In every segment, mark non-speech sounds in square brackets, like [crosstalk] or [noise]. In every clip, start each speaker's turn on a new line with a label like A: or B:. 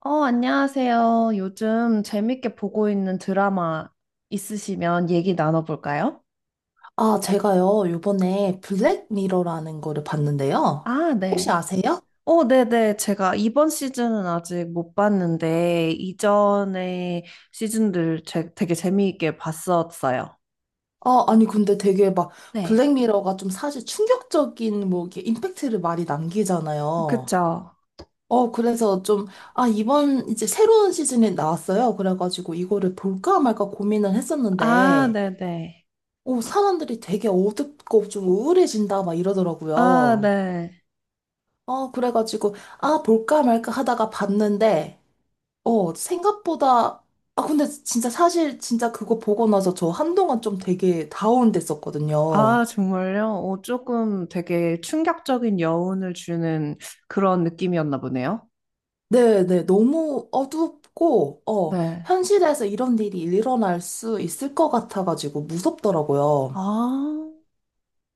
A: 안녕하세요. 요즘 재밌게 보고 있는 드라마 있으시면 얘기 나눠볼까요?
B: 아, 제가요, 요번에 블랙미러라는 거를 봤는데요.
A: 아,
B: 혹시
A: 네.
B: 아세요?
A: 네네. 제가 이번 시즌은 아직 못 봤는데, 이전의 시즌들 되게 재미있게 봤었어요.
B: 아, 아니, 근데 되게 막,
A: 네.
B: 블랙미러가 좀 사실 충격적인, 뭐, 이렇게 임팩트를 많이 남기잖아요.
A: 그쵸.
B: 그래서 좀, 아, 이번 이제 새로운 시즌이 나왔어요. 그래가지고 이거를 볼까 말까 고민을
A: 아,
B: 했었는데,
A: 네네.
B: 사람들이 되게 어둡고 좀 우울해진다, 막
A: 아,
B: 이러더라고요.
A: 네.
B: 그래가지고, 아, 볼까 말까 하다가 봤는데, 생각보다, 아, 근데 진짜 사실 진짜 그거 보고 나서 저 한동안 좀 되게 다운됐었거든요.
A: 아, 정말요? 조금 되게 충격적인 여운을 주는 그런 느낌이었나 보네요.
B: 네네, 너무 어둡고,
A: 네.
B: 현실에서 이런 일이 일어날 수 있을 것 같아가지고 무섭더라고요.
A: 아.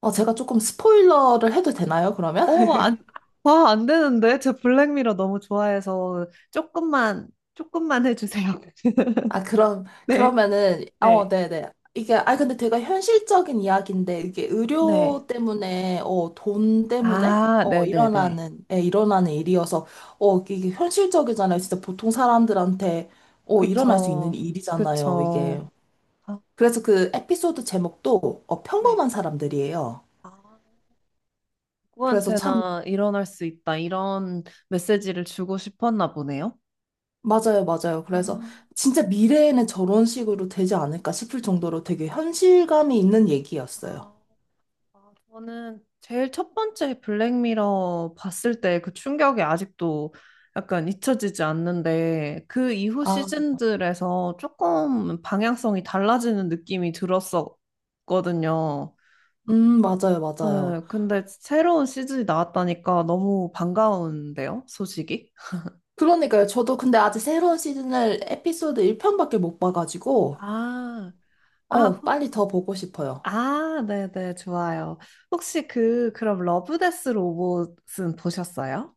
B: 아, 제가 조금 스포일러를 해도 되나요, 그러면?
A: 어, 안, 와, 안 되는데? 제 블랙미러 너무 좋아해서 조금만, 조금만 해주세요. [laughs]
B: 아, 그럼,
A: 네,
B: 그러면은,
A: 네.
B: 네네. 이게, 아, 근데 되게 현실적인 이야기인데, 이게
A: 네.
B: 의료 때문에, 돈 때문에,
A: 아, 네네네.
B: 일어나는, 예, 일어나는 일이어서, 이게 현실적이잖아요. 진짜 보통 사람들한테, 일어날 수 있는
A: 그쵸,
B: 일이잖아요, 이게.
A: 그쵸. 아,
B: 그래서 그 에피소드 제목도,
A: 네.
B: 평범한 사람들이에요.
A: 아,
B: 그래서 참,
A: 누구한테나 일어날 수 있다. 이런 메시지를 주고 싶었나 보네요.
B: 맞아요, 맞아요.
A: 아,
B: 그래서 진짜 미래에는 저런 식으로 되지 않을까 싶을 정도로 되게 현실감이 있는 얘기였어요.
A: 아. 아, 저는 제일 첫 번째 블랙미러 봤을 때 그 충격이 아직도 약간 잊혀지지 않는데 그 이후 시즌들에서 조금 방향성이 달라지는 느낌이 들었었거든요.
B: 맞아요, 맞아요.
A: 네, 근데 새로운 시즌이 나왔다니까 너무 반가운데요, 소식이?
B: 그러니까요. 저도 근데 아직 새로운 시즌을 에피소드 1편밖에 못 봐가지고,
A: 아, 아, 후-
B: 빨리 더 보고 싶어요.
A: 아, 네네, 좋아요. 혹시 그럼 러브데스 로봇은 보셨어요?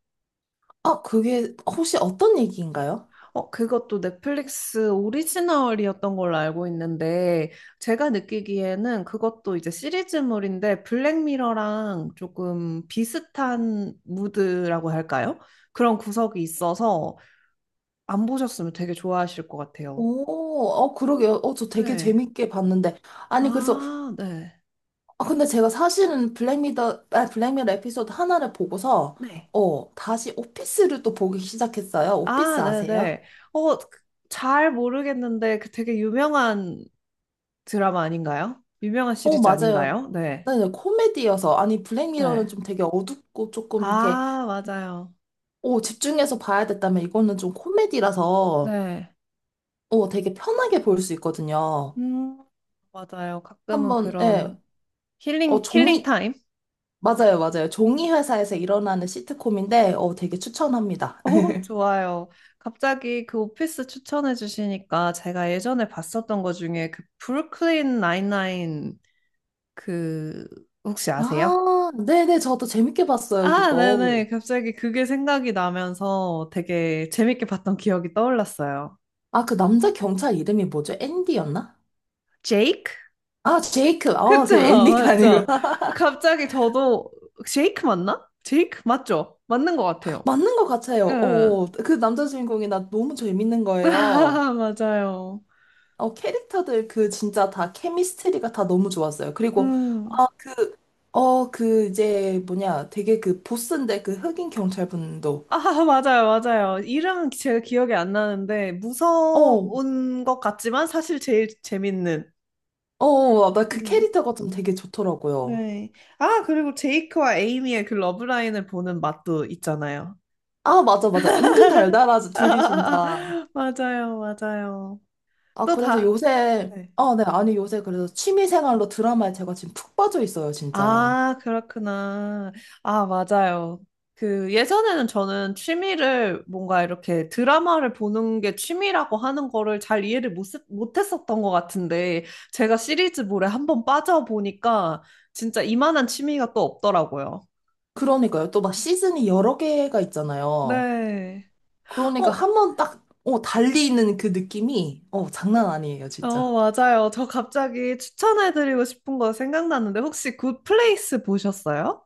B: 아, 그게 혹시 어떤 얘기인가요?
A: 그것도 넷플릭스 오리지널이었던 걸로 알고 있는데, 제가 느끼기에는 그것도 이제 시리즈물인데, 블랙미러랑 조금 비슷한 무드라고 할까요? 그런 구석이 있어서 안 보셨으면 되게 좋아하실 것 같아요.
B: 오, 그러게요. 저 되게
A: 네.
B: 재밌게 봤는데. 아니, 그래서,
A: 아, 네.
B: 아, 근데 제가 사실은 블랙미러 에피소드 하나를 보고서,
A: 네.
B: 다시 오피스를 또 보기 시작했어요. 오피스
A: 아,
B: 아세요?
A: 네네. 어, 그- 잘 모르겠는데, 그 되게 유명한 드라마 아닌가요? 유명한 시리즈
B: 맞아요.
A: 아닌가요? 네.
B: 네, 네, 코미디여서. 아니,
A: 네.
B: 블랙미러는 좀 되게 어둡고 조금 이렇게
A: 아, 맞아요.
B: 오, 집중해서 봐야 됐다면 이거는 좀 코미디라서
A: 네.
B: 되게 편하게 볼 수 있거든요.
A: 음, 맞아요. 가끔은
B: 한번, 예,
A: 그런 힐링, 힐링
B: 종이,
A: 타임?
B: 맞아요, 맞아요.
A: 음.
B: 종이 회사에서 일어나는 시트콤인데, 되게 추천합니다. [laughs]
A: 오, 좋아요. 갑자기 그 오피스 추천해 주시니까 제가 예전에 봤었던 것 중에 그 브루클린 나인나인 그 혹시 아세요?
B: 아, 네네, 저도 재밌게 봤어요,
A: 아,
B: 그거.
A: 네네. 갑자기 그게 생각이 나면서 되게 재밌게 봤던 기억이 떠올랐어요.
B: 아, 그 남자 경찰 이름이 뭐죠? 앤디였나?
A: 제이크?
B: 아, 제이크. 아,
A: 그쵸,
B: 그
A: [laughs]
B: 앤디가 아니구나.
A: 맞죠. 갑자기 저도 제이크 맞나? 제이크 맞죠? 맞는 것
B: [laughs]
A: 같아요.
B: 맞는 것 같아요.
A: 예.
B: 그 남자 주인공이 나 너무 재밌는
A: [laughs]
B: 거예요.
A: 아, 맞아요.
B: 캐릭터들 그 진짜 다 케미스트리가 다 너무 좋았어요. 그리고
A: 음.
B: 아, 그, 그 이제 뭐냐 되게 그 보스인데 그 흑인 경찰분도
A: 아, [laughs] 맞아요, 맞아요. 이름 제가 기억이 안 나는데,
B: 어,
A: 무서운 것 같지만 사실 제일 재밌는.
B: 나 그
A: 음.
B: 캐릭터가 좀 되게 좋더라고요.
A: 네. 아, 그리고 제이크와 에이미의 그 러브라인을 보는 맛도 있잖아요.
B: 아, 맞아, 맞아. 은근 달달하죠,
A: [laughs]
B: 둘이 진짜.
A: 맞아요, 맞아요.
B: 아,
A: 또
B: 그래서
A: 다,
B: 요새,
A: 네.
B: 아, 네, 아니 요새 그래서 취미생활로 드라마에 제가 지금 푹 빠져 있어요, 진짜.
A: 아, 그렇구나. 아, 맞아요. 그 예전에는 저는 취미를 뭔가 이렇게 드라마를 보는 게 취미라고 하는 거를 잘 이해를 못 했었던 것 같은데 제가 시리즈물에 한번 빠져보니까 진짜 이만한 취미가 또 없더라고요.
B: 그러니까요. 또 막 시즌이 여러 개가 있잖아요.
A: 네.
B: 그러니까
A: 어,
B: 한 번 딱, 달리 있는 그 느낌이, 장난 아니에요,
A: 어,
B: 진짜.
A: 맞아요. 저 갑자기 추천해드리고 싶은 거 생각났는데 혹시 굿플레이스 보셨어요?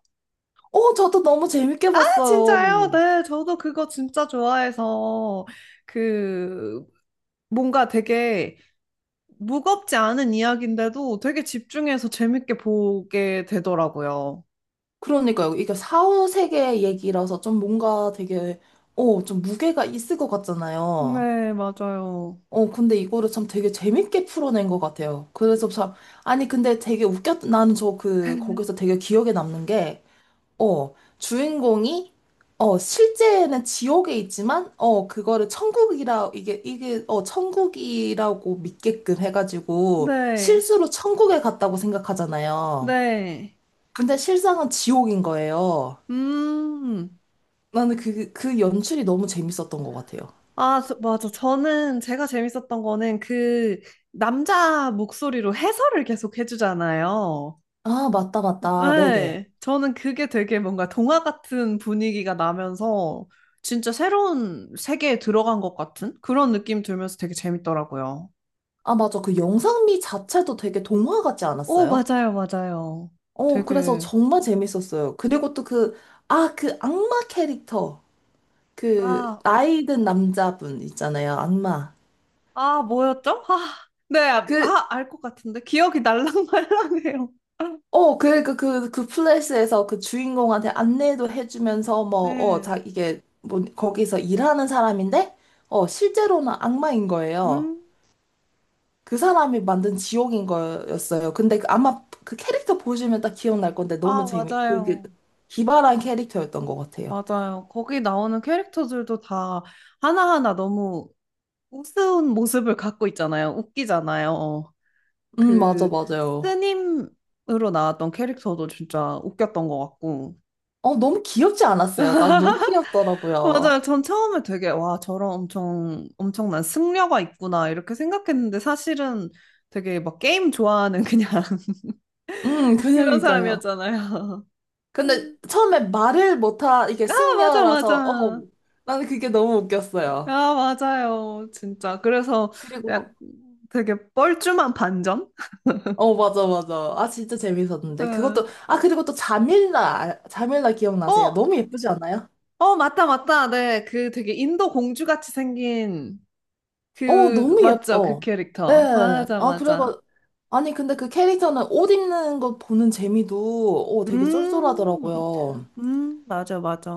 B: 저도 너무 재밌게
A: 아, 진짜요?
B: 봤어요.
A: 네, 저도 그거 진짜 좋아해서 그 뭔가 되게 무겁지 않은 이야기인데도 되게 집중해서 재밌게 보게 되더라고요.
B: 그러니까요. 이게 사후세계 얘기라서 좀 뭔가 되게, 좀 무게가 있을 것 같잖아요.
A: 네, 맞아요.
B: 근데 이거를 참 되게 재밌게 풀어낸 것 같아요. 그래서 참, 아니, 근데 되게 웃겼, 나는 저 그, 거기서
A: [laughs]
B: 되게 기억에 남는 게, 어, 주인공이, 실제는 지옥에 있지만, 그거를 천국이라, 이게 천국이라고 믿게끔 해가지고,
A: 네,
B: 실수로 천국에 갔다고 생각하잖아요.
A: 네.
B: 근데 실상은 지옥인 거예요.
A: 음.
B: 나는 그 연출이 너무 재밌었던 것 같아요.
A: 맞아. 저는 제가 재밌었던 거는 그 남자 목소리로 해설을 계속 해주잖아요.
B: 아, 맞다, 맞다. 네네.
A: 네. 저는 그게 되게 뭔가 동화 같은 분위기가 나면서 진짜 새로운 세계에 들어간 것 같은 그런 느낌 들면서 되게 재밌더라고요.
B: 아, 맞아. 그 영상미 자체도 되게 동화 같지
A: 오,
B: 않았어요?
A: 맞아요, 맞아요.
B: 그래서
A: 되게,
B: 정말 재밌었어요. 그리고 또 그 악마 캐릭터. 그,
A: 아,
B: 나이 든 남자분 있잖아요. 악마.
A: 아, 뭐였죠? 아, 네, 아,
B: 그,
A: 아, 알 것 같은데. 기억이 날랑말랑해요. [laughs]
B: 그 플래시에서 그 주인공한테 안내도 해주면서 뭐, 자,
A: 네.
B: 이게, 뭐, 거기서 일하는 사람인데, 실제로는 악마인 거예요.
A: 음,
B: 그 사람이 만든 지옥인 거였어요. 근데 아마 그 캐릭터 보시면 딱 기억날 건데 너무
A: 아,
B: 재미, 그게
A: 맞아요.
B: 기발한 캐릭터였던 것 같아요.
A: 맞아요. 거기 나오는 캐릭터들도 다 하나하나 너무 우스운 모습을 갖고 있잖아요. 웃기잖아요.
B: 맞아,
A: 그,
B: 맞아요.
A: 스님으로 나왔던 캐릭터도 진짜 웃겼던 것 같고.
B: 너무 귀엽지 않았어요? 나 너무 귀엽더라고요.
A: 맞아요. 전 처음에 되게, 와, 저런 엄청, 엄청난 승려가 있구나, 이렇게 생각했는데 사실은 되게 막 게임 좋아하는 그냥 [laughs] 그런
B: 그냥이니까요.
A: 사람이었잖아요. [laughs]
B: 근데 처음에 말을 못하, 이게
A: 아, 맞아,
B: 승려라서,
A: 맞아.
B: 나는 그게 너무 웃겼어요.
A: 아, 맞아요. 진짜. 그래서 약
B: 그리고,
A: 되게 뻘쭘한 반전?
B: 맞아, 맞아. 아, 진짜
A: [laughs]
B: 재밌었는데.
A: 예.
B: 그것도, 아, 그리고 또 자밀라 기억나세요?
A: 어,
B: 너무 예쁘지 않아요?
A: 어, 맞다, 맞다. 네. 그 되게 인도 공주 같이 생긴 그,
B: 너무
A: 맞죠? 그
B: 예뻐.
A: 캐릭터.
B: 네.
A: 맞아,
B: 아,
A: 맞아.
B: 그래가, 아니, 근데 그 캐릭터는 옷 입는 거 보는 재미도, 되게
A: 음,
B: 쏠쏠하더라고요.
A: 맞아, 맞아.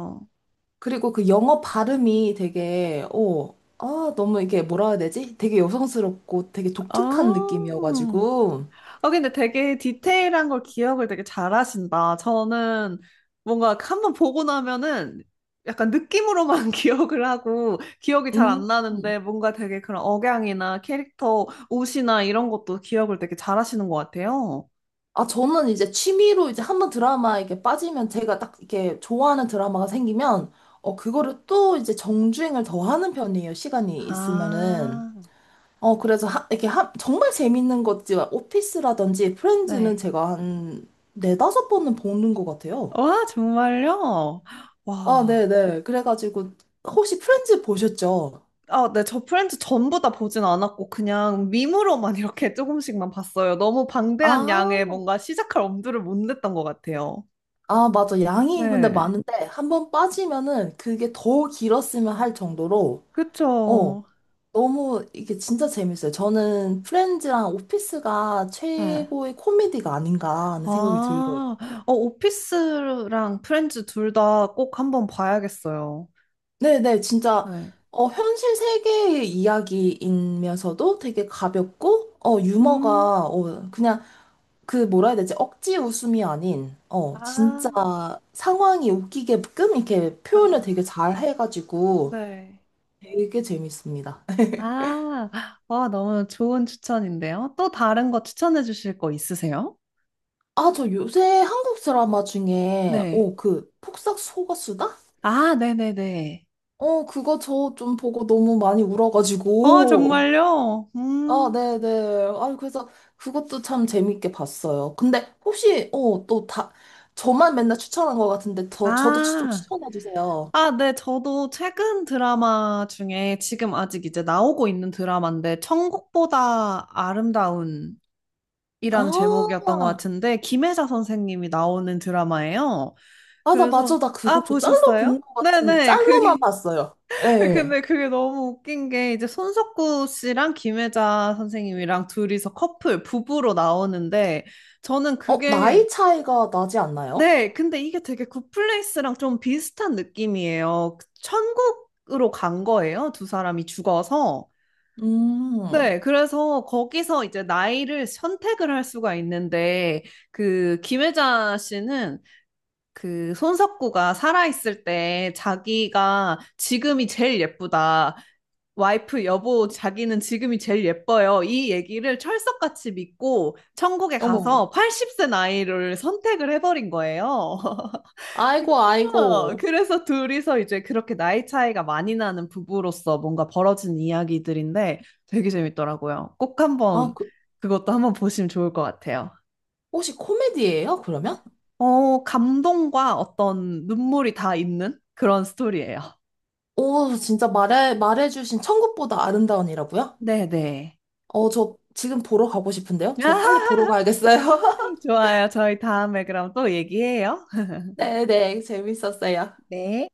B: 그리고 그 영어 발음이 되게, 아, 너무 이게 뭐라 해야 되지? 되게 여성스럽고 되게 독특한
A: 아,
B: 느낌이어가지고,
A: 근데 되게 디테일한 걸 기억을 되게 잘하신다. 저는 뭔가 한번 보고 나면은 약간 느낌으로만 [laughs] 기억을 하고 기억이 잘
B: 음.
A: 안 나는데 뭔가 되게 그런 억양이나 캐릭터 옷이나 이런 것도 기억을 되게 잘하시는 것 같아요.
B: 아, 저는 이제 취미로 이제 한번 드라마 이렇게 빠지면 제가 딱 이렇게 좋아하는 드라마가 생기면, 그거를 또 이제 정주행을 더 하는 편이에요. 시간이 있으면은.
A: 아,
B: 그래서 하, 이렇게 하, 정말 재밌는 것지 오피스라든지 프렌즈는
A: 네.
B: 제가 한 네다섯 번은 보는 것 같아요.
A: 와, 정말요?
B: 아,
A: 와.
B: 네네. 그래가지고 혹시 프렌즈 보셨죠?
A: 아, 네, 저 프렌즈 전부 다 보진 않았고, 그냥 밈으로만 [laughs] 이렇게 조금씩만 봤어요. 너무 방대한 양의
B: 아,
A: 뭔가 시작할 엄두를 못 냈던 것 같아요.
B: 아, 맞아. 양이 근데
A: 네,
B: 많은데 한번 빠지면은 그게 더 길었으면 할 정도로 어,
A: 그쵸.
B: 너무 이게 진짜 재밌어요. 저는 프렌즈랑 오피스가
A: 네.
B: 최고의 코미디가 아닌가 하는 생각이 들어요.
A: 아, 어, 오피스랑 프렌즈 둘 다 꼭 한번 봐야겠어요.
B: 네네, 진짜,
A: 네.
B: 현실 세계의 이야기이면서도 되게 가볍고,
A: 음,
B: 유머가, 그냥, 그, 뭐라 해야 되지? 억지 웃음이 아닌, 진짜
A: 아,
B: 상황이 웃기게끔 이렇게 표현을
A: 네.
B: 되게 잘 해가지고
A: 네.
B: 되게 재밌습니다.
A: 아, 아, 너무 좋은 추천인데요. 또 다른 거 추천해 주실 거 있으세요?
B: 아, 저 요새 한국 드라마 중에,
A: 네.
B: 그, 폭삭 속았수다?
A: 아, 네네네.
B: 그거 저 좀 보고 너무 많이
A: 어,
B: 울어가지고.
A: 정말요?
B: 아,
A: 음.
B: 네네. 아, 그래서 그것도 참 재밌게 봤어요. 근데 혹시, 또 다, 저만 맨날 추천한 것 같은데, 더, 저도 좀
A: 아,
B: 추천해주세요.
A: 아, 네. 저도 최근 드라마 중에 지금 아직 이제 나오고 있는 드라마인데, 천국보다 아름다운이라는
B: 아,
A: 제목이었던 것 같은데, 김혜자 선생님이 나오는 드라마예요.
B: 아, 나
A: 그래서,
B: 맞아. 나 그거
A: 아,
B: 저 짤로
A: 보셨어요?
B: 본 것 같은데,
A: 네네.
B: 짤로만
A: 그게,
B: 봤어요.
A: [laughs]
B: 예.
A: 근데 그게 너무 웃긴 게, 이제 손석구 씨랑 김혜자 선생님이랑 둘이서 커플, 부부로 나오는데, 저는 그게
B: 나이 차이가 나지 않나요?
A: 네, 근데 이게 되게 굿플레이스랑 좀 비슷한 느낌이에요. 그 천국으로 간 거예요, 두 사람이 죽어서.
B: 음,
A: 네, 그래서 거기서 이제 나이를 선택을 할 수가 있는데, 그 김혜자 씨는 그 손석구가 살아있을 때 자기가 지금이 제일 예쁘다. 와이프, 여보, 자기는 지금이 제일 예뻐요. 이 얘기를 철석같이 믿고 천국에
B: 어머.
A: 가서 80세 나이를 선택을 해버린 거예요. [laughs]
B: 아이고,
A: 그래서,
B: 아이고.
A: 그래서 둘이서 이제 그렇게 나이 차이가 많이 나는 부부로서 뭔가 벌어진 이야기들인데 되게 재밌더라고요. 꼭
B: 아,
A: 한번
B: 그,
A: 그것도 한번 보시면 좋을 것 같아요.
B: 혹시 코미디예요, 그러면?
A: 어, 감동과 어떤 눈물이 다 있는 그런 스토리예요.
B: 오, 진짜 말해주신 천국보다 아름다운이라고요?
A: 네네.
B: 저 지금 보러 가고 싶은데요?
A: 아,
B: 저 빨리
A: [laughs]
B: 보러 가야겠어요. [laughs]
A: 좋아요. 저희 다음에 그럼 또 얘기해요.
B: 네네, 재밌었어요.
A: 네.